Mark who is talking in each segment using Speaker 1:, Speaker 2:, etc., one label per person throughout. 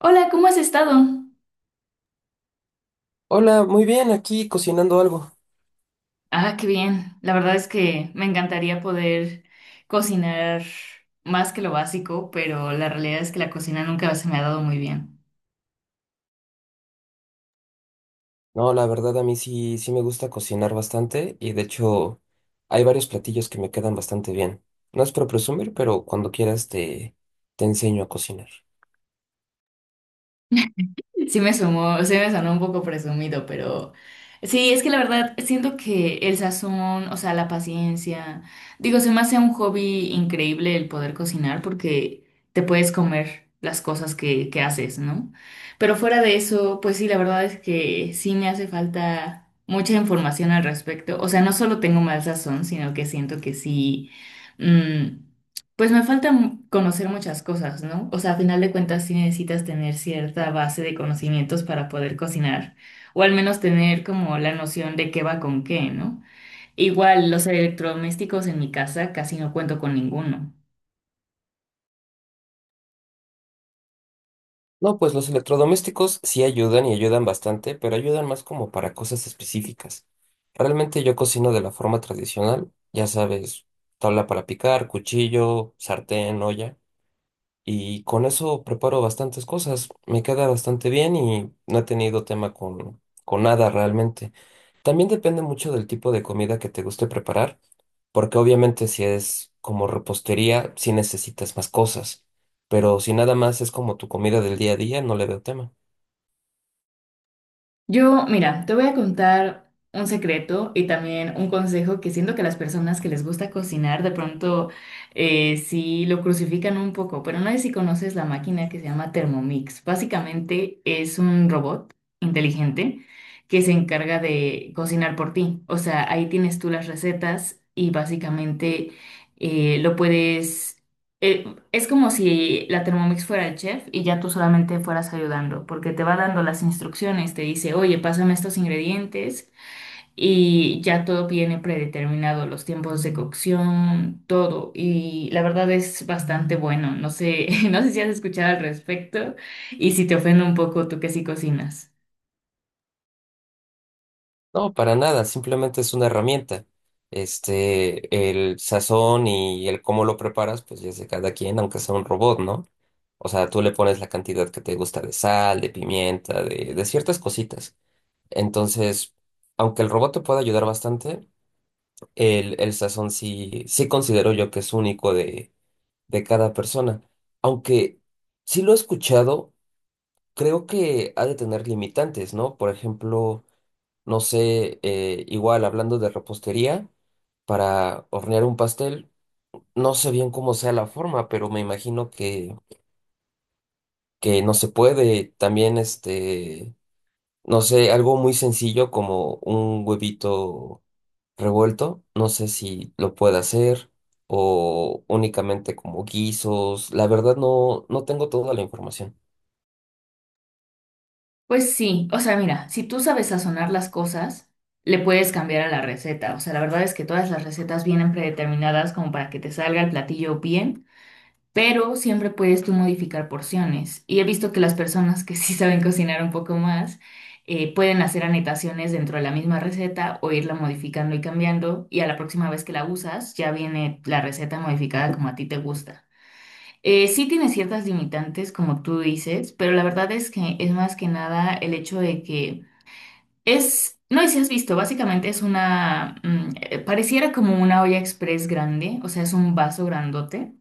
Speaker 1: Hola, ¿cómo has estado?
Speaker 2: Hola, muy bien, aquí cocinando algo.
Speaker 1: Ah, qué bien. La verdad es que me encantaría poder cocinar más que lo básico, pero la realidad es que la cocina nunca se me ha dado muy bien.
Speaker 2: No, la verdad a mí sí, sí me gusta cocinar bastante y de hecho hay varios platillos que me quedan bastante bien. No es por presumir, pero cuando quieras te enseño a cocinar.
Speaker 1: Sí me sumó, sí me sonó un poco presumido, pero sí, es que la verdad siento que el sazón, o sea, la paciencia, digo, se me hace un hobby increíble el poder cocinar porque te puedes comer las cosas que haces, ¿no? Pero fuera de eso, pues sí, la verdad es que sí me hace falta mucha información al respecto. O sea, no solo tengo mal sazón, sino que siento que sí. mm, pues me falta conocer muchas cosas, ¿no? O sea, a final de cuentas sí necesitas tener cierta base de conocimientos para poder cocinar, o al menos tener como la noción de qué va con qué, ¿no? Igual los electrodomésticos en mi casa casi no cuento con ninguno.
Speaker 2: No, pues los electrodomésticos sí ayudan y ayudan bastante, pero ayudan más como para cosas específicas. Realmente yo cocino de la forma tradicional, ya sabes, tabla para picar, cuchillo, sartén, olla. Y con eso preparo bastantes cosas. Me queda bastante bien y no he tenido tema con nada realmente. También depende mucho del tipo de comida que te guste preparar, porque obviamente si es como repostería, sí necesitas más cosas. Pero si nada más es como tu comida del día a día, no le veo tema.
Speaker 1: Yo, mira, te voy a contar un secreto y también un consejo que siento que las personas que les gusta cocinar de pronto sí lo crucifican un poco, pero no sé si conoces la máquina que se llama Thermomix. Básicamente es un robot inteligente que se encarga de cocinar por ti. O sea, ahí tienes tú las recetas y básicamente eh, lo puedes... eh, es como si la Thermomix fuera el chef y ya tú solamente fueras ayudando, porque te va dando las instrucciones, te dice, oye, pásame estos ingredientes y ya todo viene predeterminado, los tiempos de cocción, todo. Y la verdad es bastante bueno. No sé, no sé si has escuchado al respecto y si te ofende un poco tú que sí cocinas.
Speaker 2: No, para nada, simplemente es una herramienta. Este, el sazón y el cómo lo preparas, pues ya es de cada quien, aunque sea un robot, ¿no? O sea, tú le pones la cantidad que te gusta de sal, de pimienta, de ciertas cositas. Entonces, aunque el robot te pueda ayudar bastante, el sazón sí, sí considero yo que es único de cada persona. Aunque sí lo he escuchado, creo que ha de tener limitantes, ¿no? Por ejemplo no sé, igual hablando de repostería, para hornear un pastel, no sé bien cómo sea la forma, pero me imagino que no se puede. También, este, no sé, algo muy sencillo como un huevito revuelto, no sé si lo puede hacer o únicamente como guisos. La verdad no, no tengo toda la información.
Speaker 1: Pues sí, o sea, mira, si tú sabes sazonar las cosas, le puedes cambiar a la receta. O sea, la verdad es que todas las recetas vienen predeterminadas como para que te salga el platillo bien pero siempre puedes tú modificar porciones. Y he visto que las personas que sí saben cocinar un poco más pueden hacer anotaciones dentro de la misma receta o irla modificando y cambiando. Y a la próxima vez que la usas, ya viene la receta modificada como a ti te gusta. Sí tiene ciertas limitantes, como tú dices, pero la verdad es que es más que nada el hecho de que No, sé si has visto, básicamente es una, pareciera como una olla express grande, o sea, es un vaso grandote,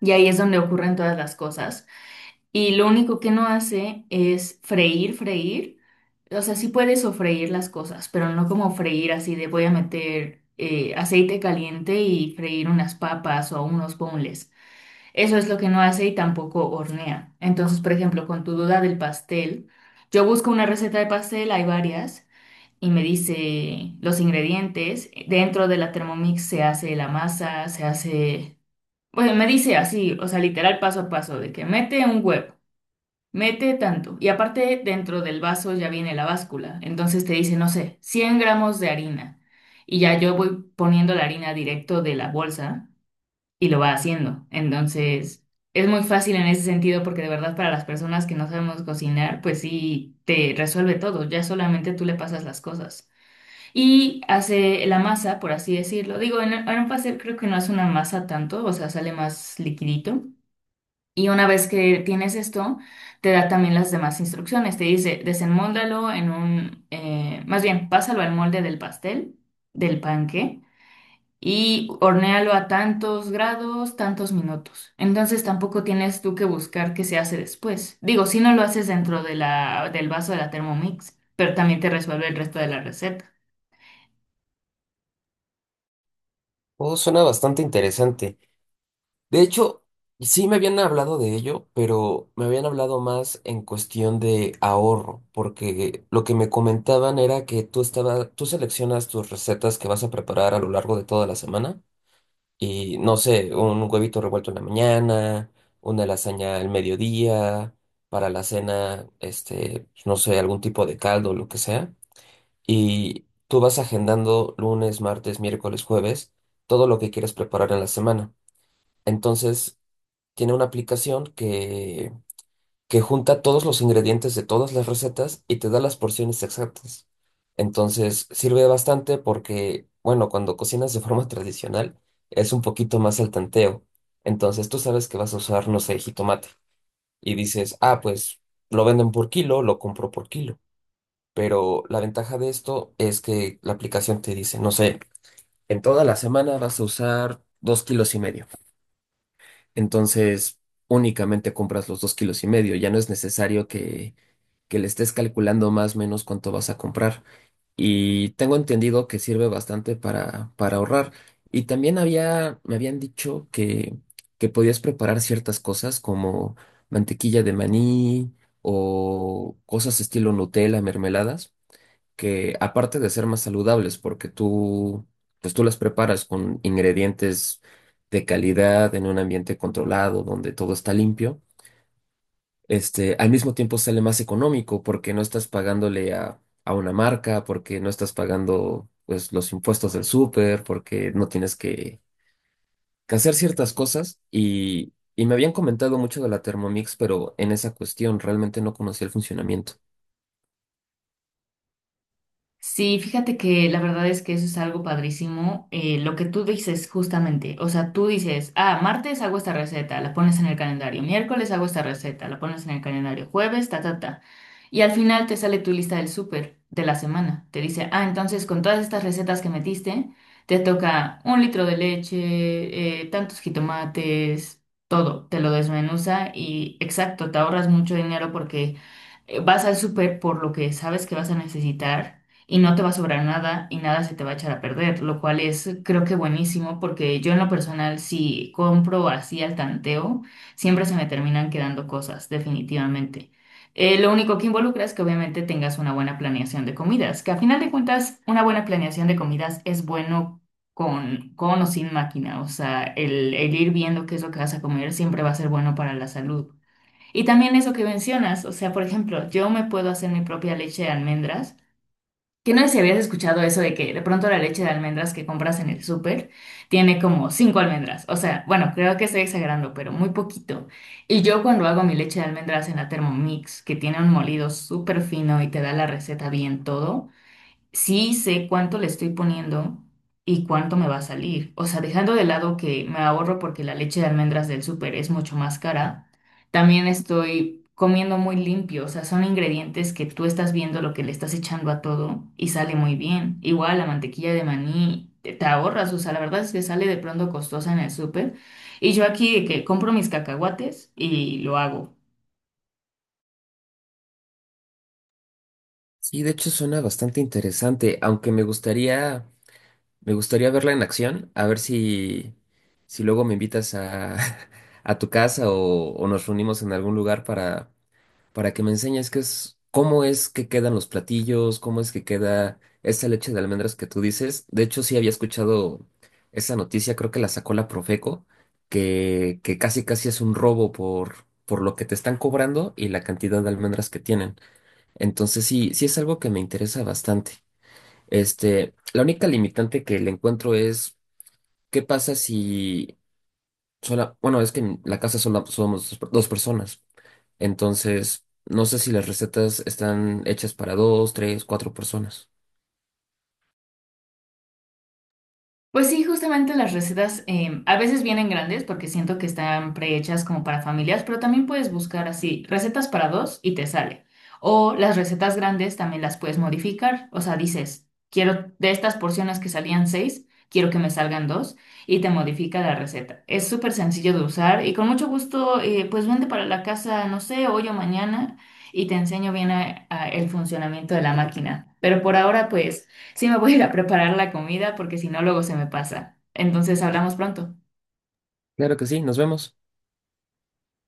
Speaker 1: y ahí es donde ocurren todas las cosas. Y lo único que no hace es freír, freír. O sea, sí puede sofreír las cosas, pero no como freír así de voy a meter aceite caliente y freír unas papas o unos boneless. Eso es lo que no hace y tampoco hornea. Entonces, por ejemplo, con tu duda del pastel, yo busco una receta de pastel, hay varias, y me dice los ingredientes. Dentro de la Thermomix se hace la masa, se hace pues me dice así, o sea, literal paso a paso, de que mete un huevo, mete tanto. Y aparte, dentro del vaso ya viene la báscula. Entonces te dice, no sé, 100 gramos de harina. Y ya yo voy poniendo la harina directo de la bolsa y lo va haciendo. Entonces, es muy fácil en ese sentido porque de verdad para las personas que no sabemos cocinar, pues sí, te resuelve todo. Ya solamente tú le pasas las cosas. Y hace la masa, por así decirlo. Digo, en un pastel creo que no hace una masa tanto, o sea, sale más liquidito. Y una vez que tienes esto, te da también las demás instrucciones. Te dice, desenmóldalo más bien, pásalo al molde del pastel, del panque, y hornéalo a tantos grados, tantos minutos. Entonces tampoco tienes tú que buscar qué se hace después. Digo, si no lo haces dentro de del vaso de la Thermomix, pero también te resuelve el resto de la receta.
Speaker 2: Todo suena bastante interesante. De hecho, sí me habían hablado de ello, pero me habían hablado más en cuestión de ahorro, porque lo que me comentaban era que tú seleccionas tus recetas que vas a preparar a lo largo de toda la semana y no sé, un huevito revuelto en la mañana, una lasaña al mediodía, para la cena, este, pues, no sé, algún tipo de caldo, lo que sea, y tú vas agendando lunes, martes, miércoles, jueves, todo lo que quieres preparar en la semana. Entonces, tiene una aplicación que junta todos los ingredientes de todas las recetas y te da las porciones exactas. Entonces, sirve bastante porque, bueno, cuando cocinas de forma tradicional, es un poquito más al tanteo. Entonces, tú sabes que vas a usar, no sé, jitomate y dices, ah, pues lo venden por kilo, lo compro por kilo. Pero la ventaja de esto es que la aplicación te dice, no sé, en toda la semana vas a usar 2,5 kilos. Entonces, únicamente compras los 2,5 kilos. Ya no es necesario que le estés calculando más o menos cuánto vas a comprar. Y tengo entendido que sirve bastante para ahorrar. Y también había, me habían dicho que podías preparar ciertas cosas como mantequilla de maní o cosas estilo Nutella, mermeladas que aparte de ser más saludables, porque tú, pues tú las preparas con ingredientes de calidad en un ambiente controlado, donde todo está limpio, este, al mismo tiempo sale más económico porque no estás pagándole a una marca, porque no estás pagando, pues, los impuestos del súper, porque no tienes que hacer ciertas cosas y... Y me habían comentado mucho de la Thermomix, pero en esa cuestión realmente no conocía el funcionamiento.
Speaker 1: Sí, fíjate que la verdad es que eso es algo padrísimo. Lo que tú dices justamente, o sea, tú dices, ah, martes hago esta receta, la pones en el calendario, miércoles hago esta receta, la pones en el calendario, jueves, ta, ta, ta. Y al final te sale tu lista del súper de la semana. Te dice, ah, entonces con todas estas recetas que metiste, te toca un litro de leche, tantos jitomates, todo, te lo desmenuza y exacto, te ahorras mucho dinero porque vas al súper por lo que sabes que vas a necesitar y no te va a sobrar nada y nada se te va a echar a perder, lo cual es creo que buenísimo porque yo en lo personal si compro así al tanteo, siempre se me terminan quedando cosas, definitivamente. Lo único que involucra es que obviamente tengas una buena planeación de comidas, que a final de cuentas una buena planeación de comidas es bueno con o sin máquina, o sea, el ir viendo qué es lo que vas a comer siempre va a ser bueno para la salud. Y también eso que mencionas, o sea, por ejemplo, yo me puedo hacer mi propia leche de almendras que no sé si habías escuchado eso de que de pronto la leche de almendras que compras en el súper tiene como cinco almendras. O sea, bueno, creo que estoy exagerando, pero muy poquito. Y yo cuando hago mi leche de almendras en la Thermomix, que tiene un molido súper fino y te da la receta bien todo, sí sé cuánto le estoy poniendo y cuánto me va a salir. O sea, dejando de lado que me ahorro porque la leche de almendras del súper es mucho más cara, también estoy comiendo muy limpio. O sea, son ingredientes que tú estás viendo lo que le estás echando a todo y sale muy bien. Igual la mantequilla de maní. Te ahorras, o sea, la verdad es que sale de pronto costosa en el súper. Y yo aquí de que compro mis cacahuates y lo hago.
Speaker 2: Sí, de hecho suena bastante interesante, aunque me gustaría me gustaría verla en acción, a ver si luego me invitas a, a tu casa o nos reunimos en algún lugar para que me enseñes qué es, cómo es que quedan los platillos, cómo es que queda esa leche de almendras que tú dices. De hecho, sí había escuchado esa noticia, creo que la sacó la Profeco, que casi casi es un robo por lo que te están cobrando y la cantidad de almendras que tienen. Entonces sí, sí es algo que me interesa bastante. Este, la única limitante que le encuentro es, ¿qué pasa si sola, bueno, es que en la casa sola- somos dos personas, entonces no sé si las recetas están hechas para dos, tres, cuatro personas.
Speaker 1: Pues sí, justamente las recetas a veces vienen grandes porque siento que están prehechas como para familias, pero también puedes buscar así recetas para dos y te sale. O las recetas grandes también las puedes modificar, o sea, dices, quiero de estas porciones que salían seis, quiero que me salgan dos y te modifica la receta. Es súper sencillo de usar y con mucho gusto, pues vente para la casa, no sé, hoy o mañana y te enseño bien a el funcionamiento de la máquina. Pero por ahora, pues... Sí, me voy a ir a preparar la comida porque si no, luego se me pasa. Entonces, hablamos pronto.
Speaker 2: Claro que sí, nos vemos.